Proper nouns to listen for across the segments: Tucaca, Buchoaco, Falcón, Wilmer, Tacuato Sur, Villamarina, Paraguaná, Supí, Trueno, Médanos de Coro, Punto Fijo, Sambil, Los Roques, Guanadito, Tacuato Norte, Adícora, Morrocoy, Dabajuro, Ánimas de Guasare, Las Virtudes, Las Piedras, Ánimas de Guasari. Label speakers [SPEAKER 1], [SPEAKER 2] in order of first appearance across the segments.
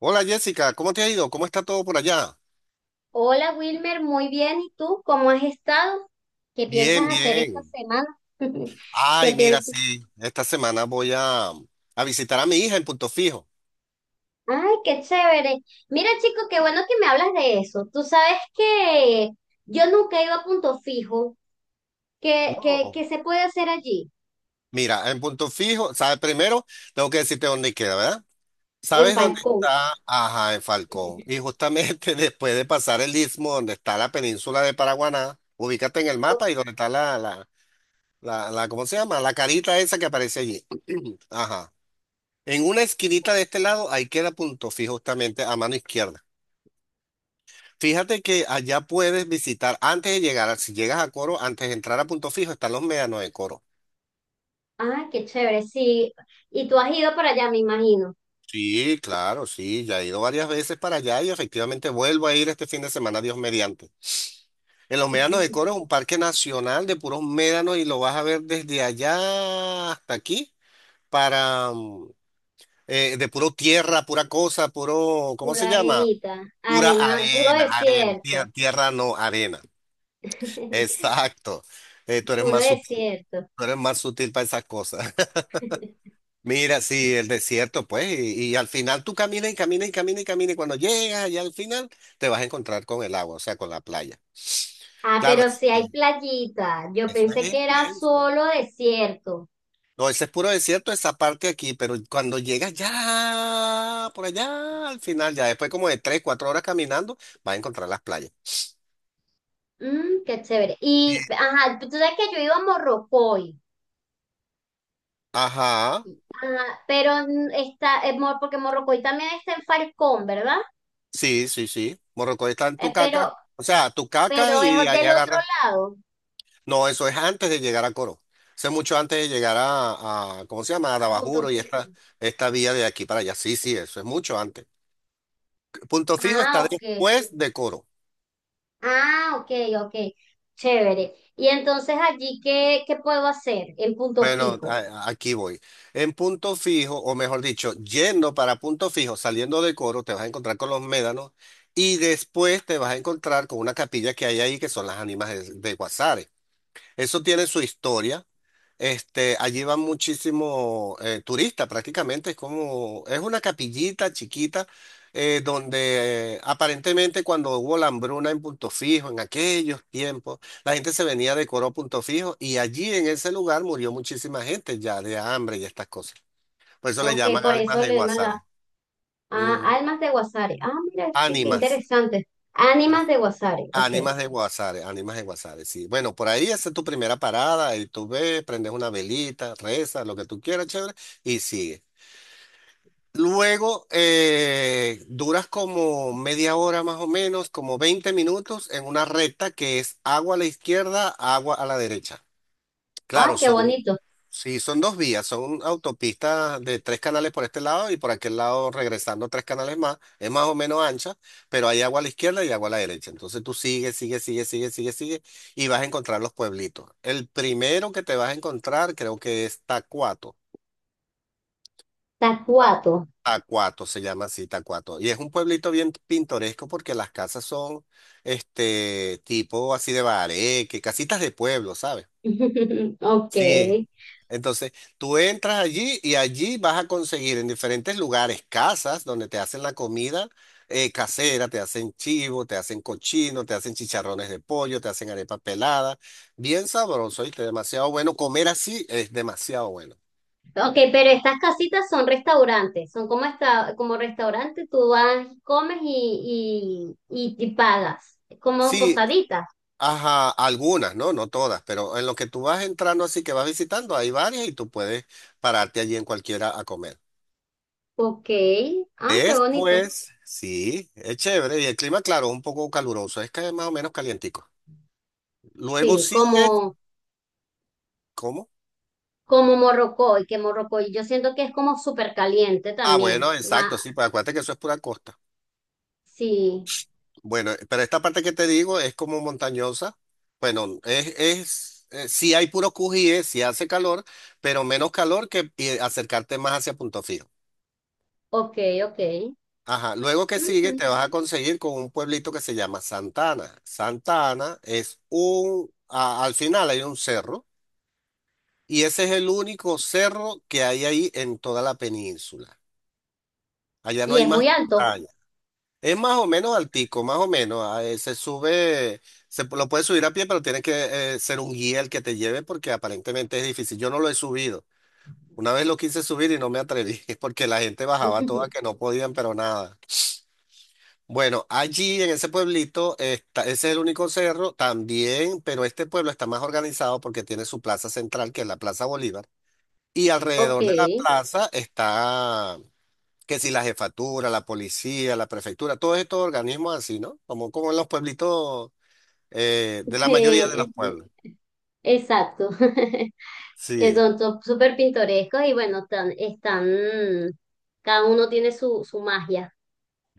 [SPEAKER 1] Hola Jessica, ¿cómo te ha ido? ¿Cómo está todo por allá?
[SPEAKER 2] Hola Wilmer, muy bien. ¿Y tú cómo has estado? ¿Qué
[SPEAKER 1] Bien,
[SPEAKER 2] piensas hacer esta
[SPEAKER 1] bien.
[SPEAKER 2] semana? ¿Qué
[SPEAKER 1] Ay, mira,
[SPEAKER 2] piensas?
[SPEAKER 1] sí, esta semana voy a visitar a mi hija en Punto Fijo.
[SPEAKER 2] Ay, qué chévere. Mira, chico, qué bueno que me hablas de eso. Tú sabes que yo nunca he ido a Punto Fijo. ¿Qué, qué,
[SPEAKER 1] No,
[SPEAKER 2] qué se puede hacer allí?
[SPEAKER 1] mira, en Punto Fijo, ¿sabes? Primero tengo que decirte dónde queda, ¿verdad?
[SPEAKER 2] En
[SPEAKER 1] ¿Sabes dónde
[SPEAKER 2] Falcón.
[SPEAKER 1] está? Ajá, en Falcón. Y justamente después de pasar el istmo, donde está la península de Paraguaná, ubícate en el
[SPEAKER 2] Oh,
[SPEAKER 1] mapa y donde está la, ¿cómo se llama? La carita esa que aparece allí. Ajá. En una esquinita de este lado, ahí queda Punto Fijo justamente a mano izquierda. Fíjate que allá puedes visitar antes de llegar, si llegas a Coro, antes de entrar a Punto Fijo, están los médanos de Coro.
[SPEAKER 2] ah, qué chévere, sí. Y tú has ido para allá, me imagino.
[SPEAKER 1] Sí, claro, sí, ya he ido varias veces para allá y efectivamente vuelvo a ir este fin de semana, Dios mediante. En los médanos de Coro es un parque nacional de puros médanos y lo vas a ver desde allá hasta aquí, para de puro tierra, pura cosa, puro, ¿cómo se
[SPEAKER 2] Pura
[SPEAKER 1] llama?
[SPEAKER 2] arenita,
[SPEAKER 1] Pura
[SPEAKER 2] arena, puro
[SPEAKER 1] arena, arena,
[SPEAKER 2] desierto.
[SPEAKER 1] tierra, tierra no, arena. Exacto. Tú eres
[SPEAKER 2] Puro
[SPEAKER 1] más sutil,
[SPEAKER 2] desierto.
[SPEAKER 1] tú eres más sutil para esas cosas. Mira, sí, el desierto, pues, y al final tú caminas y caminas y caminas y caminas, y cuando llegas allá al final te vas a encontrar con el agua, o sea, con la playa.
[SPEAKER 2] Ah,
[SPEAKER 1] Claro,
[SPEAKER 2] pero sí hay playita. Yo
[SPEAKER 1] eso
[SPEAKER 2] pensé
[SPEAKER 1] es
[SPEAKER 2] que era
[SPEAKER 1] inmenso.
[SPEAKER 2] solo desierto.
[SPEAKER 1] No, ese es puro desierto, esa parte aquí, pero cuando llegas ya, por allá, al final, ya después como de tres, cuatro horas caminando, vas a encontrar las playas.
[SPEAKER 2] Mm, qué chévere. Y, ajá, tú sabes que yo iba a Morrocoy.
[SPEAKER 1] Ajá,
[SPEAKER 2] Ajá, pero porque Morrocoy también está en Falcón, ¿verdad?
[SPEAKER 1] sí, sí, sí. Morrocoy está en
[SPEAKER 2] Eh,
[SPEAKER 1] Tucaca,
[SPEAKER 2] pero,
[SPEAKER 1] o sea, Tucaca
[SPEAKER 2] pero es
[SPEAKER 1] y ahí
[SPEAKER 2] del otro
[SPEAKER 1] agarras.
[SPEAKER 2] lado,
[SPEAKER 1] No, eso es antes de llegar a Coro. Eso es mucho antes de llegar a, ¿cómo se llama? A
[SPEAKER 2] a Punto
[SPEAKER 1] Dabajuro y esta,
[SPEAKER 2] Fijo.
[SPEAKER 1] esta vía de aquí para allá. Sí, sí, eso es mucho antes. Punto Fijo
[SPEAKER 2] Ah,
[SPEAKER 1] está
[SPEAKER 2] ok.
[SPEAKER 1] después de Coro.
[SPEAKER 2] Ah, ok, ok. Chévere. Y entonces allí, ¿qué puedo hacer en Punto
[SPEAKER 1] Bueno,
[SPEAKER 2] Fijo?
[SPEAKER 1] aquí voy. En Punto Fijo, o mejor dicho, yendo para Punto Fijo, saliendo de Coro, te vas a encontrar con los médanos y después te vas a encontrar con una capilla que hay ahí que son las ánimas de Guasare. Eso tiene su historia. Este, allí van muchísimos turistas, prácticamente es como, es una capillita chiquita, donde aparentemente cuando hubo la hambruna en Punto Fijo, en aquellos tiempos, la gente se venía de Coro a Punto Fijo y allí en ese lugar murió muchísima gente ya de hambre y estas cosas. Por eso le
[SPEAKER 2] Ok,
[SPEAKER 1] llaman
[SPEAKER 2] por
[SPEAKER 1] ánimas
[SPEAKER 2] eso
[SPEAKER 1] de
[SPEAKER 2] le llaman la...
[SPEAKER 1] Guasare.
[SPEAKER 2] Ah,
[SPEAKER 1] Ujú.
[SPEAKER 2] almas de Guasari. Ah, mira, sí, qué
[SPEAKER 1] Ánimas.
[SPEAKER 2] interesante. Ánimas
[SPEAKER 1] Las
[SPEAKER 2] de Guasari, ok.
[SPEAKER 1] Ánimas de Guasare, sí. Bueno, por ahí esa es tu primera parada, y tú ves, prendes una velita, rezas, lo que tú quieras, chévere, y sigue. Luego duras como media hora más o menos, como 20 minutos en una recta que es agua a la izquierda, agua a la derecha.
[SPEAKER 2] Ay,
[SPEAKER 1] Claro,
[SPEAKER 2] qué
[SPEAKER 1] son,
[SPEAKER 2] bonito.
[SPEAKER 1] sí, son dos vías, son autopistas de tres canales por este lado y por aquel lado regresando tres canales más. Es más o menos ancha, pero hay agua a la izquierda y agua a la derecha. Entonces tú sigues y vas a encontrar los pueblitos. El primero que te vas a encontrar creo que es Tacuato.
[SPEAKER 2] Tacuato.
[SPEAKER 1] Tacuato se llama así, Tacuato. Y es un pueblito bien pintoresco porque las casas son este tipo así de bareque, casitas de pueblo, ¿sabes?
[SPEAKER 2] Ok.
[SPEAKER 1] Sí. Entonces, tú entras allí y allí vas a conseguir en diferentes lugares casas donde te hacen la comida casera, te hacen chivo, te hacen cochino, te hacen chicharrones de pollo, te hacen arepa pelada. Bien sabroso, ¿viste? Demasiado bueno. Comer así es demasiado bueno.
[SPEAKER 2] Ok, pero estas casitas son restaurantes, son como esta, como restaurante, tú vas, comes y pagas, como
[SPEAKER 1] Sí,
[SPEAKER 2] posaditas.
[SPEAKER 1] ajá, algunas, ¿no? No todas, pero en lo que tú vas entrando así que vas visitando, hay varias y tú puedes pararte allí en cualquiera a comer.
[SPEAKER 2] Ok. Ah, qué bonito.
[SPEAKER 1] Después, sí, es chévere y el clima, claro, es un poco caluroso, es que es más o menos calientico. Luego
[SPEAKER 2] Sí,
[SPEAKER 1] sigues,
[SPEAKER 2] como,
[SPEAKER 1] ¿cómo?
[SPEAKER 2] como Morrocoy, que Morrocoy, yo siento que es como súper caliente
[SPEAKER 1] Ah,
[SPEAKER 2] también.
[SPEAKER 1] bueno,
[SPEAKER 2] Ma,
[SPEAKER 1] exacto, sí, pues acuérdate que eso es pura costa.
[SPEAKER 2] sí,
[SPEAKER 1] Bueno, pero esta parte que te digo es como montañosa. Bueno, sí hay puros cujíes, sí hace calor, pero menos calor que acercarte más hacia Punto Fijo.
[SPEAKER 2] ok, ok.
[SPEAKER 1] Ajá, luego que
[SPEAKER 2] Ujú.
[SPEAKER 1] sigue te vas a conseguir con un pueblito que se llama Santana. Santana es un, al final hay un cerro y ese es el único cerro que hay ahí en toda la península. Allá no
[SPEAKER 2] Y
[SPEAKER 1] hay
[SPEAKER 2] es
[SPEAKER 1] más
[SPEAKER 2] muy alto.
[SPEAKER 1] montaña. Es más o menos altico, más o menos. Se sube, lo puedes subir a pie, pero tiene que ser un guía el que te lleve porque aparentemente es difícil. Yo no lo he subido. Una vez lo quise subir y no me atreví porque la gente bajaba toda que no podían, pero nada. Bueno, allí en ese pueblito, está, ese es el único cerro también, pero este pueblo está más organizado porque tiene su plaza central, que es la Plaza Bolívar, y
[SPEAKER 2] Ok.
[SPEAKER 1] alrededor de la plaza está, que si la jefatura, la policía, la prefectura, todos estos organismos así, ¿no? Como, como en los pueblitos, de la mayoría de los
[SPEAKER 2] Sí,
[SPEAKER 1] pueblos.
[SPEAKER 2] exacto. que
[SPEAKER 1] Sí.
[SPEAKER 2] son to- súper pintorescos y bueno, tan- están, cada uno tiene su, su magia.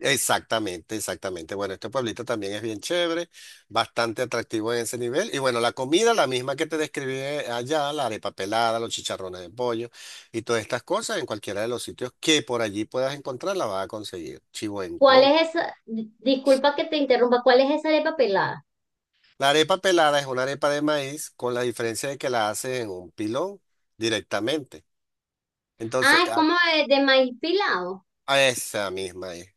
[SPEAKER 1] Exactamente, exactamente. Bueno, este pueblito también es bien chévere, bastante atractivo en ese nivel. Y bueno, la comida, la misma que te describí allá, la arepa pelada, los chicharrones de pollo y todas estas cosas, en cualquiera de los sitios que por allí puedas encontrar, la vas a conseguir. Chivo en
[SPEAKER 2] ¿Cuál
[SPEAKER 1] coco.
[SPEAKER 2] es esa? Di- Disculpa que te interrumpa, ¿cuál es esa arepa pelada?
[SPEAKER 1] La arepa pelada es una arepa de maíz con la diferencia de que la haces en un pilón directamente. Entonces,
[SPEAKER 2] Ah, es
[SPEAKER 1] a
[SPEAKER 2] como de maíz pilado.
[SPEAKER 1] a esa misma es.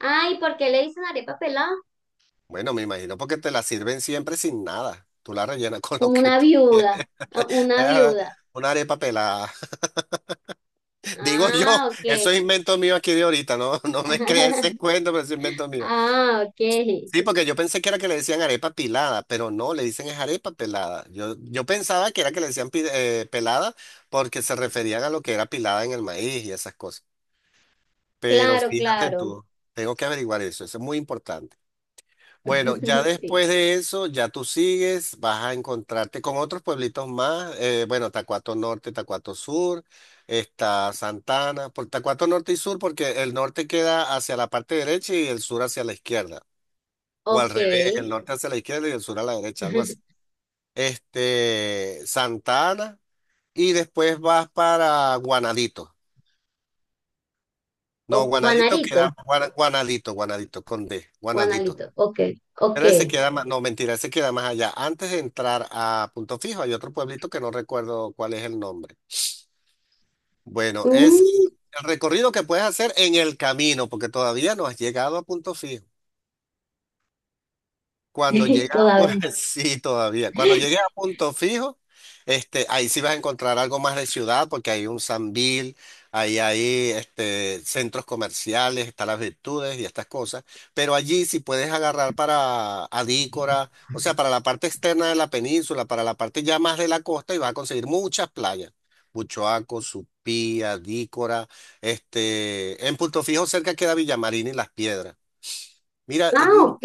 [SPEAKER 2] Ay, ¿por qué le dicen arepa pelada?
[SPEAKER 1] Bueno, me imagino porque te la sirven siempre sin nada. Tú la rellenas con lo
[SPEAKER 2] Como
[SPEAKER 1] que tú quieras.
[SPEAKER 2] una
[SPEAKER 1] Eh,
[SPEAKER 2] viuda.
[SPEAKER 1] una arepa pelada. Digo yo,
[SPEAKER 2] Ah,
[SPEAKER 1] eso
[SPEAKER 2] ok.
[SPEAKER 1] es invento mío aquí de ahorita, no, no me creas ese cuento, pero es invento mío.
[SPEAKER 2] Ah, ok.
[SPEAKER 1] Sí, porque yo pensé que era que le decían arepa pilada, pero no, le dicen es arepa pelada. Yo pensaba que era que le decían pelada porque se referían a lo que era pilada en el maíz y esas cosas. Pero
[SPEAKER 2] Claro,
[SPEAKER 1] fíjate
[SPEAKER 2] claro.
[SPEAKER 1] tú, tengo que averiguar eso, eso es muy importante. Bueno, ya
[SPEAKER 2] Sí.
[SPEAKER 1] después de eso, ya tú sigues, vas a encontrarte con otros pueblitos más. Bueno, Tacuato Norte, Tacuato Sur, está Santana, por Tacuato Norte y Sur, porque el norte queda hacia la parte derecha y el sur hacia la izquierda. O al
[SPEAKER 2] Ok.
[SPEAKER 1] revés, el norte hacia la izquierda y el sur a la derecha, algo así. Este, Santana, y después vas para Guanadito. No,
[SPEAKER 2] O
[SPEAKER 1] Guanadito queda,
[SPEAKER 2] Juanarito.
[SPEAKER 1] Guanadito, Guanadito, con D, Guanadito.
[SPEAKER 2] Juanalito. Ok. Ok.
[SPEAKER 1] Pero se queda más, no, mentira, se queda más allá. Antes de entrar a Punto Fijo hay otro pueblito que no recuerdo cuál es el nombre. Bueno, es
[SPEAKER 2] Mm,
[SPEAKER 1] el recorrido que puedes hacer en el camino, porque todavía no has llegado a Punto Fijo. Cuando llegas a pu-
[SPEAKER 2] todavía. No.
[SPEAKER 1] sí, todavía. Cuando llegues a Punto Fijo, este, ahí sí vas a encontrar algo más de ciudad, porque hay un Sambil, ahí hay este, centros comerciales, están las Virtudes y estas cosas. Pero allí sí puedes agarrar para Adícora, o sea, para la parte externa de la península, para la parte ya más de la costa, y vas a conseguir muchas playas. Buchoaco, Supí, Adícora, este, en Punto Fijo cerca queda Villamarina y Las Piedras. Mira,
[SPEAKER 2] Ah, ok.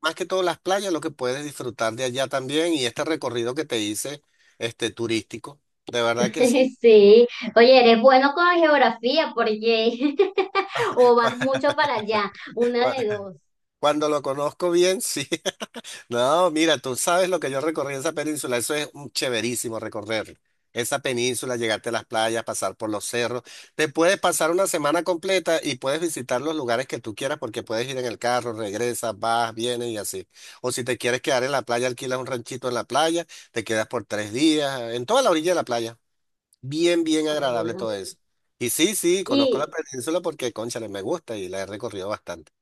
[SPEAKER 1] más que todo las playas, lo que puedes disfrutar de allá también y este recorrido que te hice, este turístico, de verdad que sí.
[SPEAKER 2] Sí. Oye, eres bueno con la geografía, porque o vas mucho para allá, una
[SPEAKER 1] Cuando,
[SPEAKER 2] de dos.
[SPEAKER 1] cuando lo conozco bien, sí. No, mira, tú sabes lo que yo recorrí en esa península, eso es un chéverísimo recorrer. Esa península, llegarte a las playas, pasar por los cerros. Te puedes pasar una semana completa y puedes visitar los lugares que tú quieras porque puedes ir en el carro, regresas, vas, vienes y así. O si te quieres quedar en la playa, alquilas un ranchito en la playa, te quedas por 3 días, en toda la orilla de la playa. Bien, bien agradable
[SPEAKER 2] Bueno.
[SPEAKER 1] todo eso. Y sí, sí, conozco la
[SPEAKER 2] Y
[SPEAKER 1] península porque, cónchale, me gusta y la he recorrido bastante.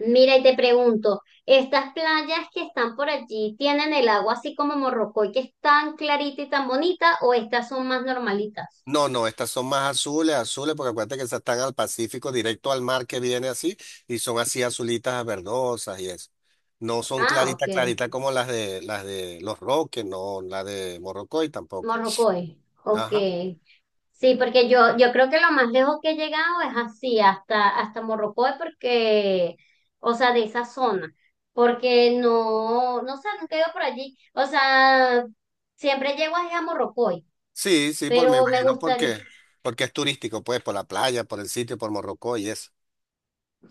[SPEAKER 2] mira, y te pregunto, ¿estas playas que están por allí tienen el agua así como Morrocoy, que es tan clarita y tan bonita, o estas son más normalitas?
[SPEAKER 1] No, no, estas son más azules, azules, porque acuérdate que esas están al Pacífico, directo al mar que viene así, y son así azulitas verdosas y eso. No son
[SPEAKER 2] Ah, ok.
[SPEAKER 1] claritas, claritas como las de Los Roques, no, la de Morrocoy tampoco.
[SPEAKER 2] Morrocoy. Ok.
[SPEAKER 1] Ajá.
[SPEAKER 2] Sí, porque yo creo que lo más lejos que he llegado es así, hasta, hasta Morrocoy, porque, o sea, de esa zona, porque no sé, nunca he ido por allí. O sea, siempre llego ahí a Morrocoy,
[SPEAKER 1] Sí, sí, por me
[SPEAKER 2] pero me
[SPEAKER 1] imagino
[SPEAKER 2] gustaría,
[SPEAKER 1] porque, porque es turístico, pues, por la playa, por el sitio, por Morrocoy y eso.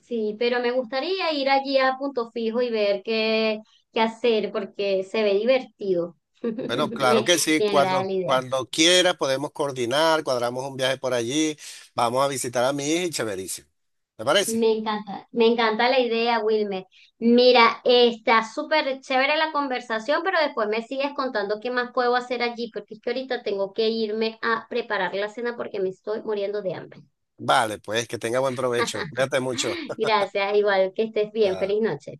[SPEAKER 2] sí, pero me gustaría ir allí a Punto Fijo y ver qué, qué hacer, porque se ve divertido.
[SPEAKER 1] Bueno, claro
[SPEAKER 2] Me,
[SPEAKER 1] que sí,
[SPEAKER 2] me agrada la
[SPEAKER 1] cuando,
[SPEAKER 2] idea.
[SPEAKER 1] cuando quiera podemos coordinar, cuadramos un viaje por allí, vamos a visitar a mi hija y chéverísimo. ¿Te parece?
[SPEAKER 2] Me encanta la idea, Wilmer. Mira, está súper chévere la conversación, pero después me sigues contando qué más puedo hacer allí, porque es que ahorita tengo que irme a preparar la cena porque me estoy muriendo de hambre.
[SPEAKER 1] Vale, pues que tenga buen provecho. Cuídate mucho.
[SPEAKER 2] Gracias, igual que estés bien,
[SPEAKER 1] Ah.
[SPEAKER 2] feliz noche.